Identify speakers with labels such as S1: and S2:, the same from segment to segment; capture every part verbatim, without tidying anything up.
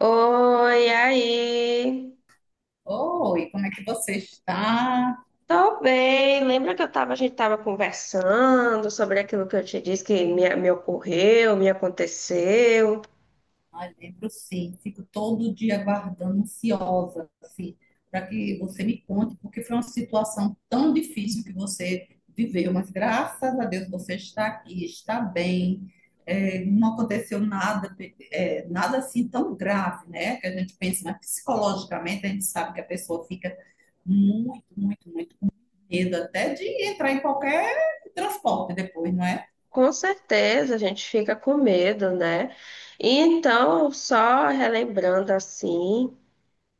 S1: Oi, aí.
S2: Oi, como é que você está?
S1: Tô bem. Lembra que eu tava, a gente tava conversando sobre aquilo que eu te disse que me, me ocorreu, me aconteceu?
S2: Ai, lembro sim, fico todo dia aguardando, ansiosa, assim, para que você me conte, porque foi uma situação tão difícil que você viveu, mas graças a Deus você está aqui, está bem. É, não aconteceu nada, é, nada assim tão grave, né? Que a gente pensa, mas psicologicamente a gente sabe que a pessoa fica muito, muito, muito medo até de entrar em qualquer transporte depois, não é?
S1: Com certeza, a gente fica com medo, né? E então, só relembrando assim,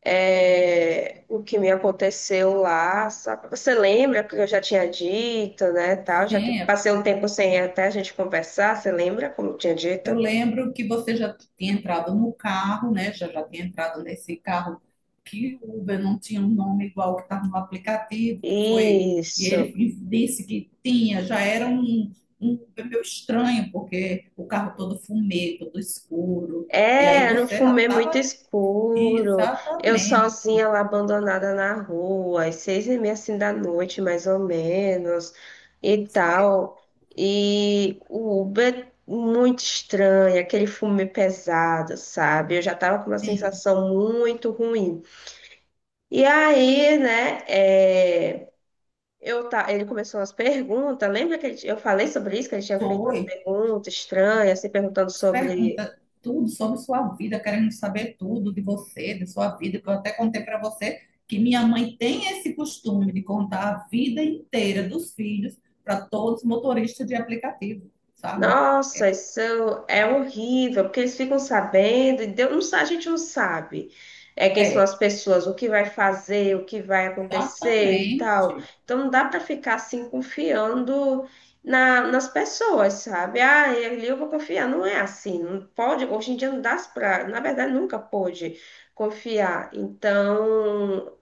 S1: é, o que me aconteceu lá, sabe? Você lembra que eu já tinha dito, né, tal, já que
S2: Sim,
S1: passei um tempo sem até a gente conversar, você lembra como eu tinha
S2: eu
S1: dito?
S2: lembro que você já tinha entrado no carro, né? Já já tinha entrado nesse carro, que o Uber não tinha um nome igual que estava no aplicativo, que foi. E
S1: Isso.
S2: ele disse que tinha, já era um, um Uber meio estranho, porque o carro todo fumê, todo escuro. E aí
S1: É, era um
S2: você já
S1: fumê muito
S2: estava.
S1: escuro. Eu
S2: Exatamente.
S1: sozinha lá abandonada na rua, às seis e meia assim da noite, mais ou menos, e
S2: Isso mesmo.
S1: tal. E o Uber muito estranho, aquele fumê pesado, sabe? Eu já tava com uma
S2: Sim,
S1: sensação muito ruim. E aí, né, é, eu tá, ele começou umas perguntas. Lembra que ele- eu falei sobre isso, que ele tinha feito umas
S2: foi.
S1: perguntas estranhas, se perguntando sobre.
S2: Pergunta tudo sobre sua vida, querendo saber tudo de você, de sua vida, que eu até contei para você que minha mãe tem esse costume de contar a vida inteira dos filhos para todos os motoristas de aplicativo, sabe?
S1: Nossa, isso é horrível, porque eles ficam sabendo, e Deus, não, sa- a gente não sabe é, quem são
S2: É,
S1: as pessoas, o que vai fazer, o que vai acontecer e tal.
S2: exatamente.
S1: Então não dá para ficar assim confiando na- nas pessoas, sabe? Ah, ali eu vou confiar. Não é assim, não pode, hoje em dia não dá pra, na verdade nunca pôde confiar. Então,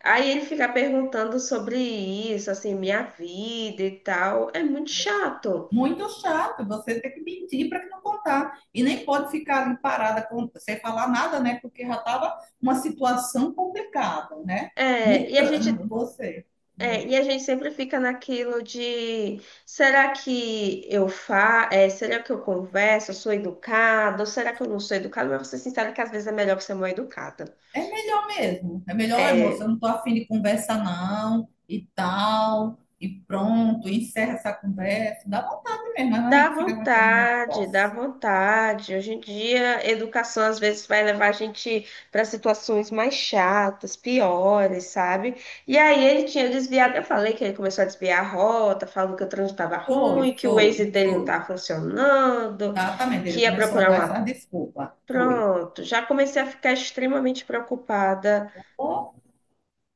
S1: aí ele fica perguntando sobre isso, assim, minha vida e tal. É muito chato.
S2: Muito chato, você tem que mentir para que não contar. E nem pode ficar ali parada com- sem falar nada, né? Porque já estava uma situação complicada, né? Não,
S1: É, e a
S2: tra-
S1: gente
S2: você,
S1: É,
S2: né?
S1: e a gente sempre fica naquilo de será que eu fa, é, será que eu converso, eu sou educada, ou será que eu não sou educada? Mas vou ser sincera que às vezes é melhor você ser mal educada.
S2: É melhor mesmo. É melhor, "Olha, moça, eu
S1: É,
S2: não tô afim de conversa não, e tal, e pronto, encerra essa conversa." Dá vontade mesmo, mas a
S1: dá
S2: gente fica com aquele
S1: vontade, dá
S2: negócio.
S1: vontade. Hoje em dia, educação às vezes vai levar a gente para situações mais chatas, piores, sabe? E aí ele tinha desviado, eu falei que ele começou a desviar a rota, falando que o trânsito estava
S2: Foi,
S1: ruim, que o Waze
S2: foi,
S1: dele não
S2: foi.
S1: estava funcionando,
S2: Exatamente,
S1: que
S2: ele
S1: ia
S2: começou a
S1: procurar
S2: dar essa
S1: um.
S2: desculpa. Foi.
S1: Pronto, já comecei a ficar extremamente preocupada.
S2: Ou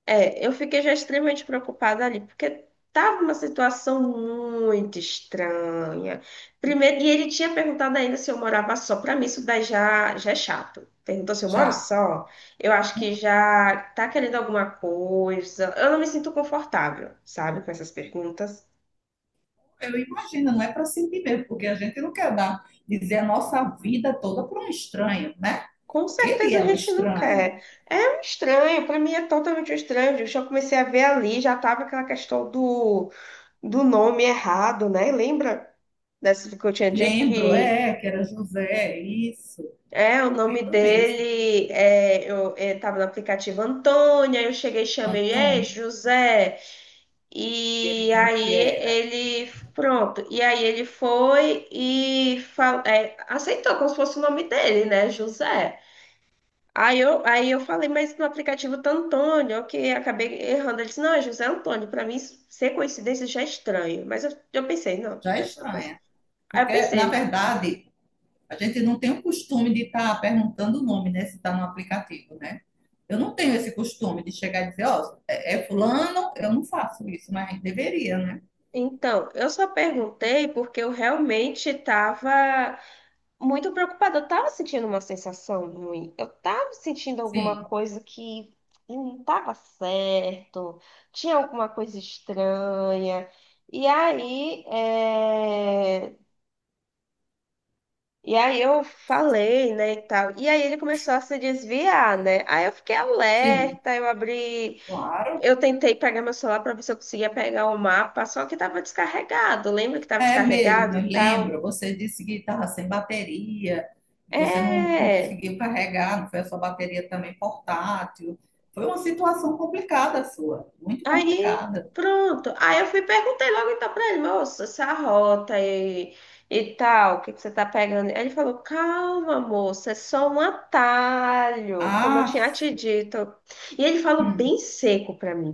S1: É, eu fiquei já extremamente preocupada ali, porque tava uma situação muito estranha. Primeiro, e ele tinha perguntado ainda se eu morava só. Para mim, isso daí já, já é chato. Perguntou se eu moro
S2: já.
S1: só. Eu acho que já tá querendo alguma coisa. Eu não me sinto confortável, sabe, com essas perguntas.
S2: Eu imagino, não é para sentir mesmo, porque a gente não quer dar, dizer a nossa vida toda para um estranho, né?
S1: Com
S2: Porque ele
S1: certeza a
S2: é um
S1: gente não
S2: estranho.
S1: quer. É um estranho, para mim é totalmente um estranho. Eu já comecei a ver ali, já tava aquela questão do do nome errado, né? Lembra dessa que eu tinha dito
S2: Lembro,
S1: que
S2: é, que era José, isso.
S1: é o nome
S2: Lembro mesmo.
S1: dele, é, eu estava no aplicativo Antônia, eu cheguei e chamei, é
S2: Antônio.
S1: José,
S2: Ele
S1: e
S2: dizendo que
S1: aí
S2: era.
S1: ele, pronto, e aí ele foi e fal, é, aceitou como se fosse o nome dele, né, José. Aí eu, aí eu falei, mas no aplicativo tá Antônio, eu que acabei errando. Ele disse, não, é José Antônio. Para mim, ser coincidência já é estranho. Mas eu, eu pensei, não,
S2: Já é
S1: dessa coisa.
S2: estranha.
S1: Aí eu
S2: Porque, na
S1: pensei,
S2: verdade, a gente não tem o costume de estar perguntando o nome, né? Se está no aplicativo, né? Eu não tenho esse costume de chegar e dizer, ó, é é fulano, eu não faço isso, mas a gente deveria, né?
S1: Então, eu só perguntei porque eu realmente estava muito preocupada. Eu estava sentindo uma sensação ruim. Eu estava sentindo alguma
S2: Sim,
S1: coisa que não estava certo. Tinha alguma coisa estranha. E aí, é, e aí eu falei, né, e tal. E aí ele começou a se desviar, né? Aí eu fiquei
S2: sim,
S1: alerta. Eu abri
S2: claro.
S1: eu tentei pegar meu celular para ver se eu conseguia pegar o mapa, só que estava descarregado. Lembra que estava
S2: É
S1: descarregado
S2: mesmo,
S1: e
S2: eu
S1: tal?
S2: lembro, você disse que estava sem bateria, que você não
S1: É.
S2: conseguiu carregar, não foi a sua bateria também portátil. Foi uma situação complicada sua, muito
S1: Aí,
S2: complicada.
S1: pronto. Aí eu fui e perguntei logo então para ele, moço, essa rota e, e tal, o que que você tá pegando? Aí ele falou, calma, moça, é só um atalho, como eu
S2: Ah,
S1: tinha te dito. E ele falou
S2: hum.
S1: bem seco para mim,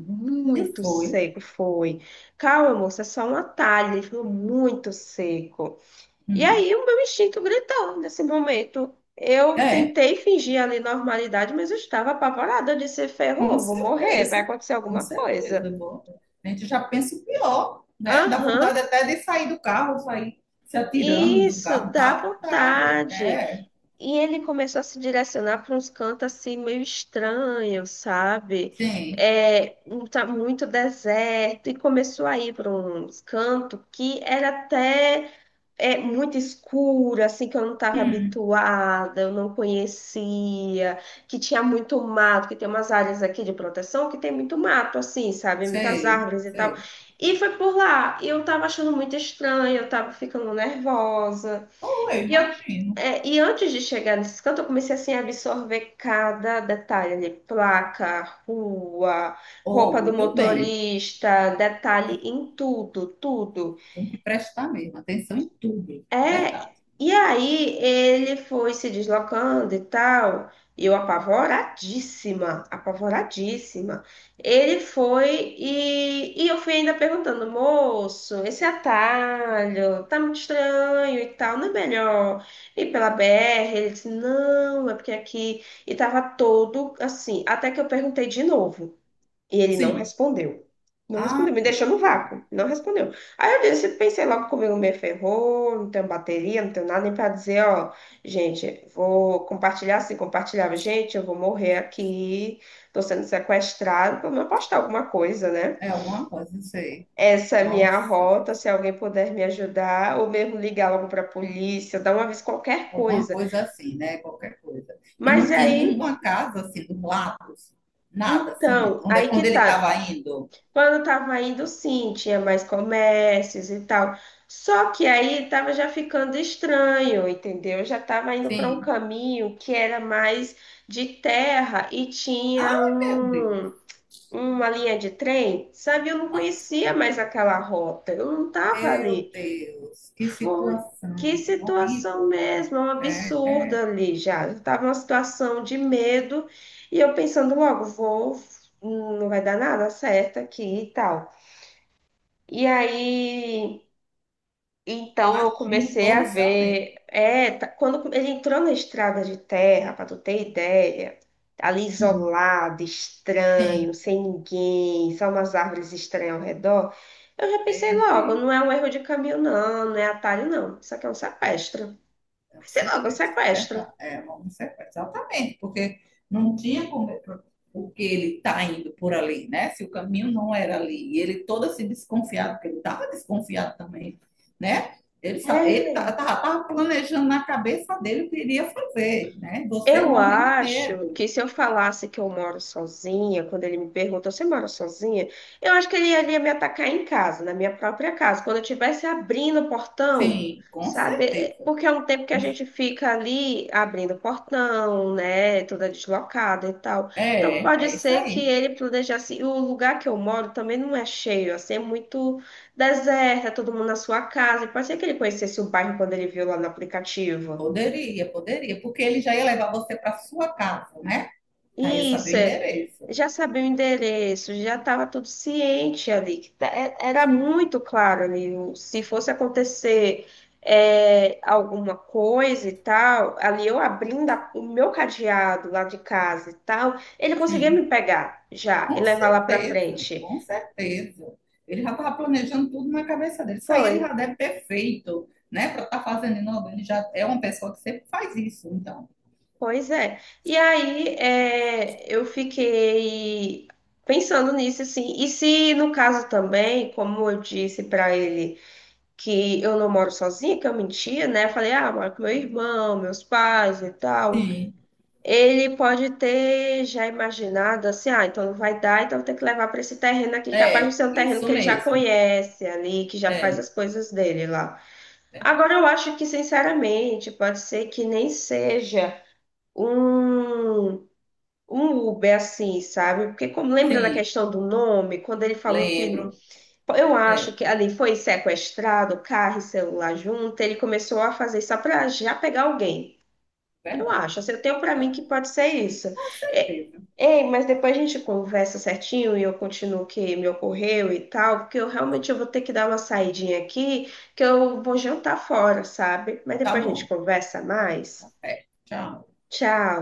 S2: E
S1: muito
S2: foi.
S1: seco foi. Calma, moça, é só um atalho. Ele falou muito seco. E
S2: Hum.
S1: aí o meu instinto gritou nesse momento. Eu
S2: É,
S1: tentei fingir ali normalidade, mas eu estava apavorada de ser
S2: com
S1: ferrou, vou morrer, vai
S2: certeza.
S1: acontecer
S2: Com
S1: alguma
S2: certeza.
S1: coisa.
S2: Bom, a gente já pensa o pior, né? Dá
S1: Aham,
S2: vontade até de sair do carro, sair se atirando do
S1: isso,
S2: carro.
S1: dá
S2: Dá vontade.
S1: vontade.
S2: É,
S1: E ele começou a se direcionar para uns cantos assim meio estranhos, sabe?
S2: sim.
S1: É, um tá muito deserto, e começou a ir para uns cantos que era até é muito escura, assim, que eu não estava
S2: Hum.
S1: habituada, eu não conhecia, que tinha muito mato, que tem umas áreas aqui de proteção que tem muito mato, assim, sabe? Muitas
S2: Sei,
S1: árvores e tal.
S2: sei.
S1: E foi por lá. E eu estava achando muito estranho, eu estava ficando nervosa.
S2: Ou eu
S1: E eu
S2: imagino.
S1: é, e antes de chegar nesse canto, eu comecei assim a absorver cada detalhe ali, placa, rua,
S2: Ou,
S1: roupa do
S2: muito bem.
S1: motorista, detalhe em tudo, tudo.
S2: Tem que prestar mesmo atenção em tudo. É
S1: É,
S2: verdade.
S1: e aí ele foi se deslocando e tal, e eu apavoradíssima, apavoradíssima. Ele foi e, e eu fui ainda perguntando, moço, esse atalho tá muito estranho e tal, não é melhor ir pela B R? Ele disse, não, é porque aqui, e tava todo assim, até que eu perguntei de novo. E ele não
S2: Sim.
S1: respondeu. Não respondeu,
S2: Ah,
S1: me deixou
S2: meu
S1: no
S2: Deus.
S1: vácuo. Não respondeu. Aí eu disse, pensei logo comigo, me ferrou, não tenho bateria, não tenho nada nem pra dizer, ó, gente, vou compartilhar assim, compartilhava, gente, eu vou morrer aqui, tô sendo sequestrado, pelo menos postar alguma coisa, né?
S2: É alguma coisa, sei.
S1: Essa é a minha
S2: Nossa,
S1: rota, se alguém puder me ajudar, ou mesmo ligar logo pra polícia, dar uma vez qualquer
S2: alguma
S1: coisa.
S2: coisa assim, né? Qualquer coisa. E
S1: Mas
S2: não tinha
S1: aí,
S2: nenhuma casa assim dos lados, nada assim,
S1: então,
S2: onde,
S1: aí que
S2: onde ele
S1: tá.
S2: estava indo.
S1: Quando eu tava indo, sim, tinha mais comércios e tal. Só que aí tava já ficando estranho, entendeu? Eu já tava indo para um
S2: Sim.
S1: caminho que era mais de terra e tinha
S2: Ai, meu
S1: um,
S2: Deus.
S1: uma linha de trem, sabe? Eu não
S2: Ah,
S1: conhecia mais aquela rota, eu não tava
S2: meu
S1: ali.
S2: Deus, que
S1: Foi. Que
S2: situação
S1: situação
S2: horrível.
S1: mesmo, é um absurdo ali já. Eu tava uma situação de medo e eu pensando logo, vou, não vai dar nada certo aqui e tal. E aí, então eu
S2: Imagino
S1: comecei a
S2: todo o seu medo.
S1: ver. É, tá- quando ele entrou na estrada de terra, para tu ter ideia, ali
S2: Hum,
S1: isolado,
S2: sim,
S1: estranho, sem ninguém, só umas árvores estranhas ao redor, eu já pensei
S2: meu
S1: logo,
S2: Deus.
S1: não é um erro de caminho, não, não é atalho, não. Isso aqui é um sequestro.
S2: É um
S1: Pensei logo, um
S2: sequestro, é
S1: sequestro.
S2: verdade. É um sequestro, exatamente, porque não tinha como, porque ele está indo por ali, né? Se o caminho não era ali, e ele todo assim desconfiado, porque ele estava desconfiado também, né? Ele sa- ele
S1: É.
S2: estava planejando na cabeça dele o que iria fazer, né? Você
S1: Eu
S2: morrendo de
S1: acho
S2: medo.
S1: que se eu falasse que eu moro sozinha, quando ele me pergunta, você mora sozinha? Eu acho que ele ia ele ia me atacar em casa, na minha própria casa, quando eu estivesse abrindo o portão,
S2: Sim, com
S1: sabe? É,
S2: certeza.
S1: porque é um tempo que a
S2: Com cer-
S1: gente fica ali abrindo o portão, né? Toda deslocada e tal. Então
S2: É,
S1: pode
S2: é isso
S1: ser que
S2: aí.
S1: ele planejasse. E o lugar que eu moro também não é cheio, assim, é muito deserto, é todo mundo na sua casa. E pode ser que ele conhecesse o bairro quando ele viu lá no aplicativo.
S2: Poderia, poderia, porque ele já ia levar você para sua casa, né? Aí ia saber
S1: Isso,
S2: o
S1: é.
S2: endereço.
S1: Já sabia o endereço, já estava tudo ciente ali. que tá- é- Era muito claro ali. o- Se fosse acontecer é, alguma coisa e tal, ali eu abrindo a- o meu cadeado lá de casa e tal, ele conseguia
S2: Sim.
S1: me pegar já e
S2: Com
S1: levar lá para
S2: certeza,
S1: frente.
S2: com certeza. Ele já estava planejando tudo na cabeça dele. Isso aí
S1: Foi,
S2: ele já deve ter feito, né? Para estar fazendo em novembro. Ele já é uma pessoa que sempre faz isso, então.
S1: pois é. E aí é, eu fiquei pensando nisso assim. E se no caso também, como eu disse para ele, que eu não moro sozinha, que eu mentia, né? Falei, ah, moro com meu irmão, meus pais e tal.
S2: Sim.
S1: Ele pode ter já imaginado assim, ah, então não vai dar, então vou ter que levar para esse terreno aqui, capaz de
S2: É,
S1: ser um terreno
S2: isso
S1: que ele já
S2: mesmo.
S1: conhece ali, que já faz as
S2: É,
S1: coisas dele lá. Agora
S2: verdade.
S1: eu acho que, sinceramente, pode ser que nem seja um um Uber assim, sabe? Porque como lembra da
S2: Sim,
S1: questão do nome, quando ele falou que
S2: lembro.
S1: eu acho
S2: É,
S1: que ali foi sequestrado, carro e celular junto. Ele começou a fazer só para já pegar alguém. Eu
S2: verdade.
S1: acho, assim, eu tenho para mim
S2: Então,
S1: que pode ser isso.
S2: com
S1: É,
S2: certeza.
S1: ei, mas depois a gente conversa certinho e eu continuo o que me ocorreu e tal, porque eu realmente eu vou ter que dar uma saidinha aqui, que eu vou jantar fora, sabe? Mas
S2: Tá
S1: depois a gente
S2: bom.
S1: conversa mais.
S2: É, tchau.
S1: Tchau.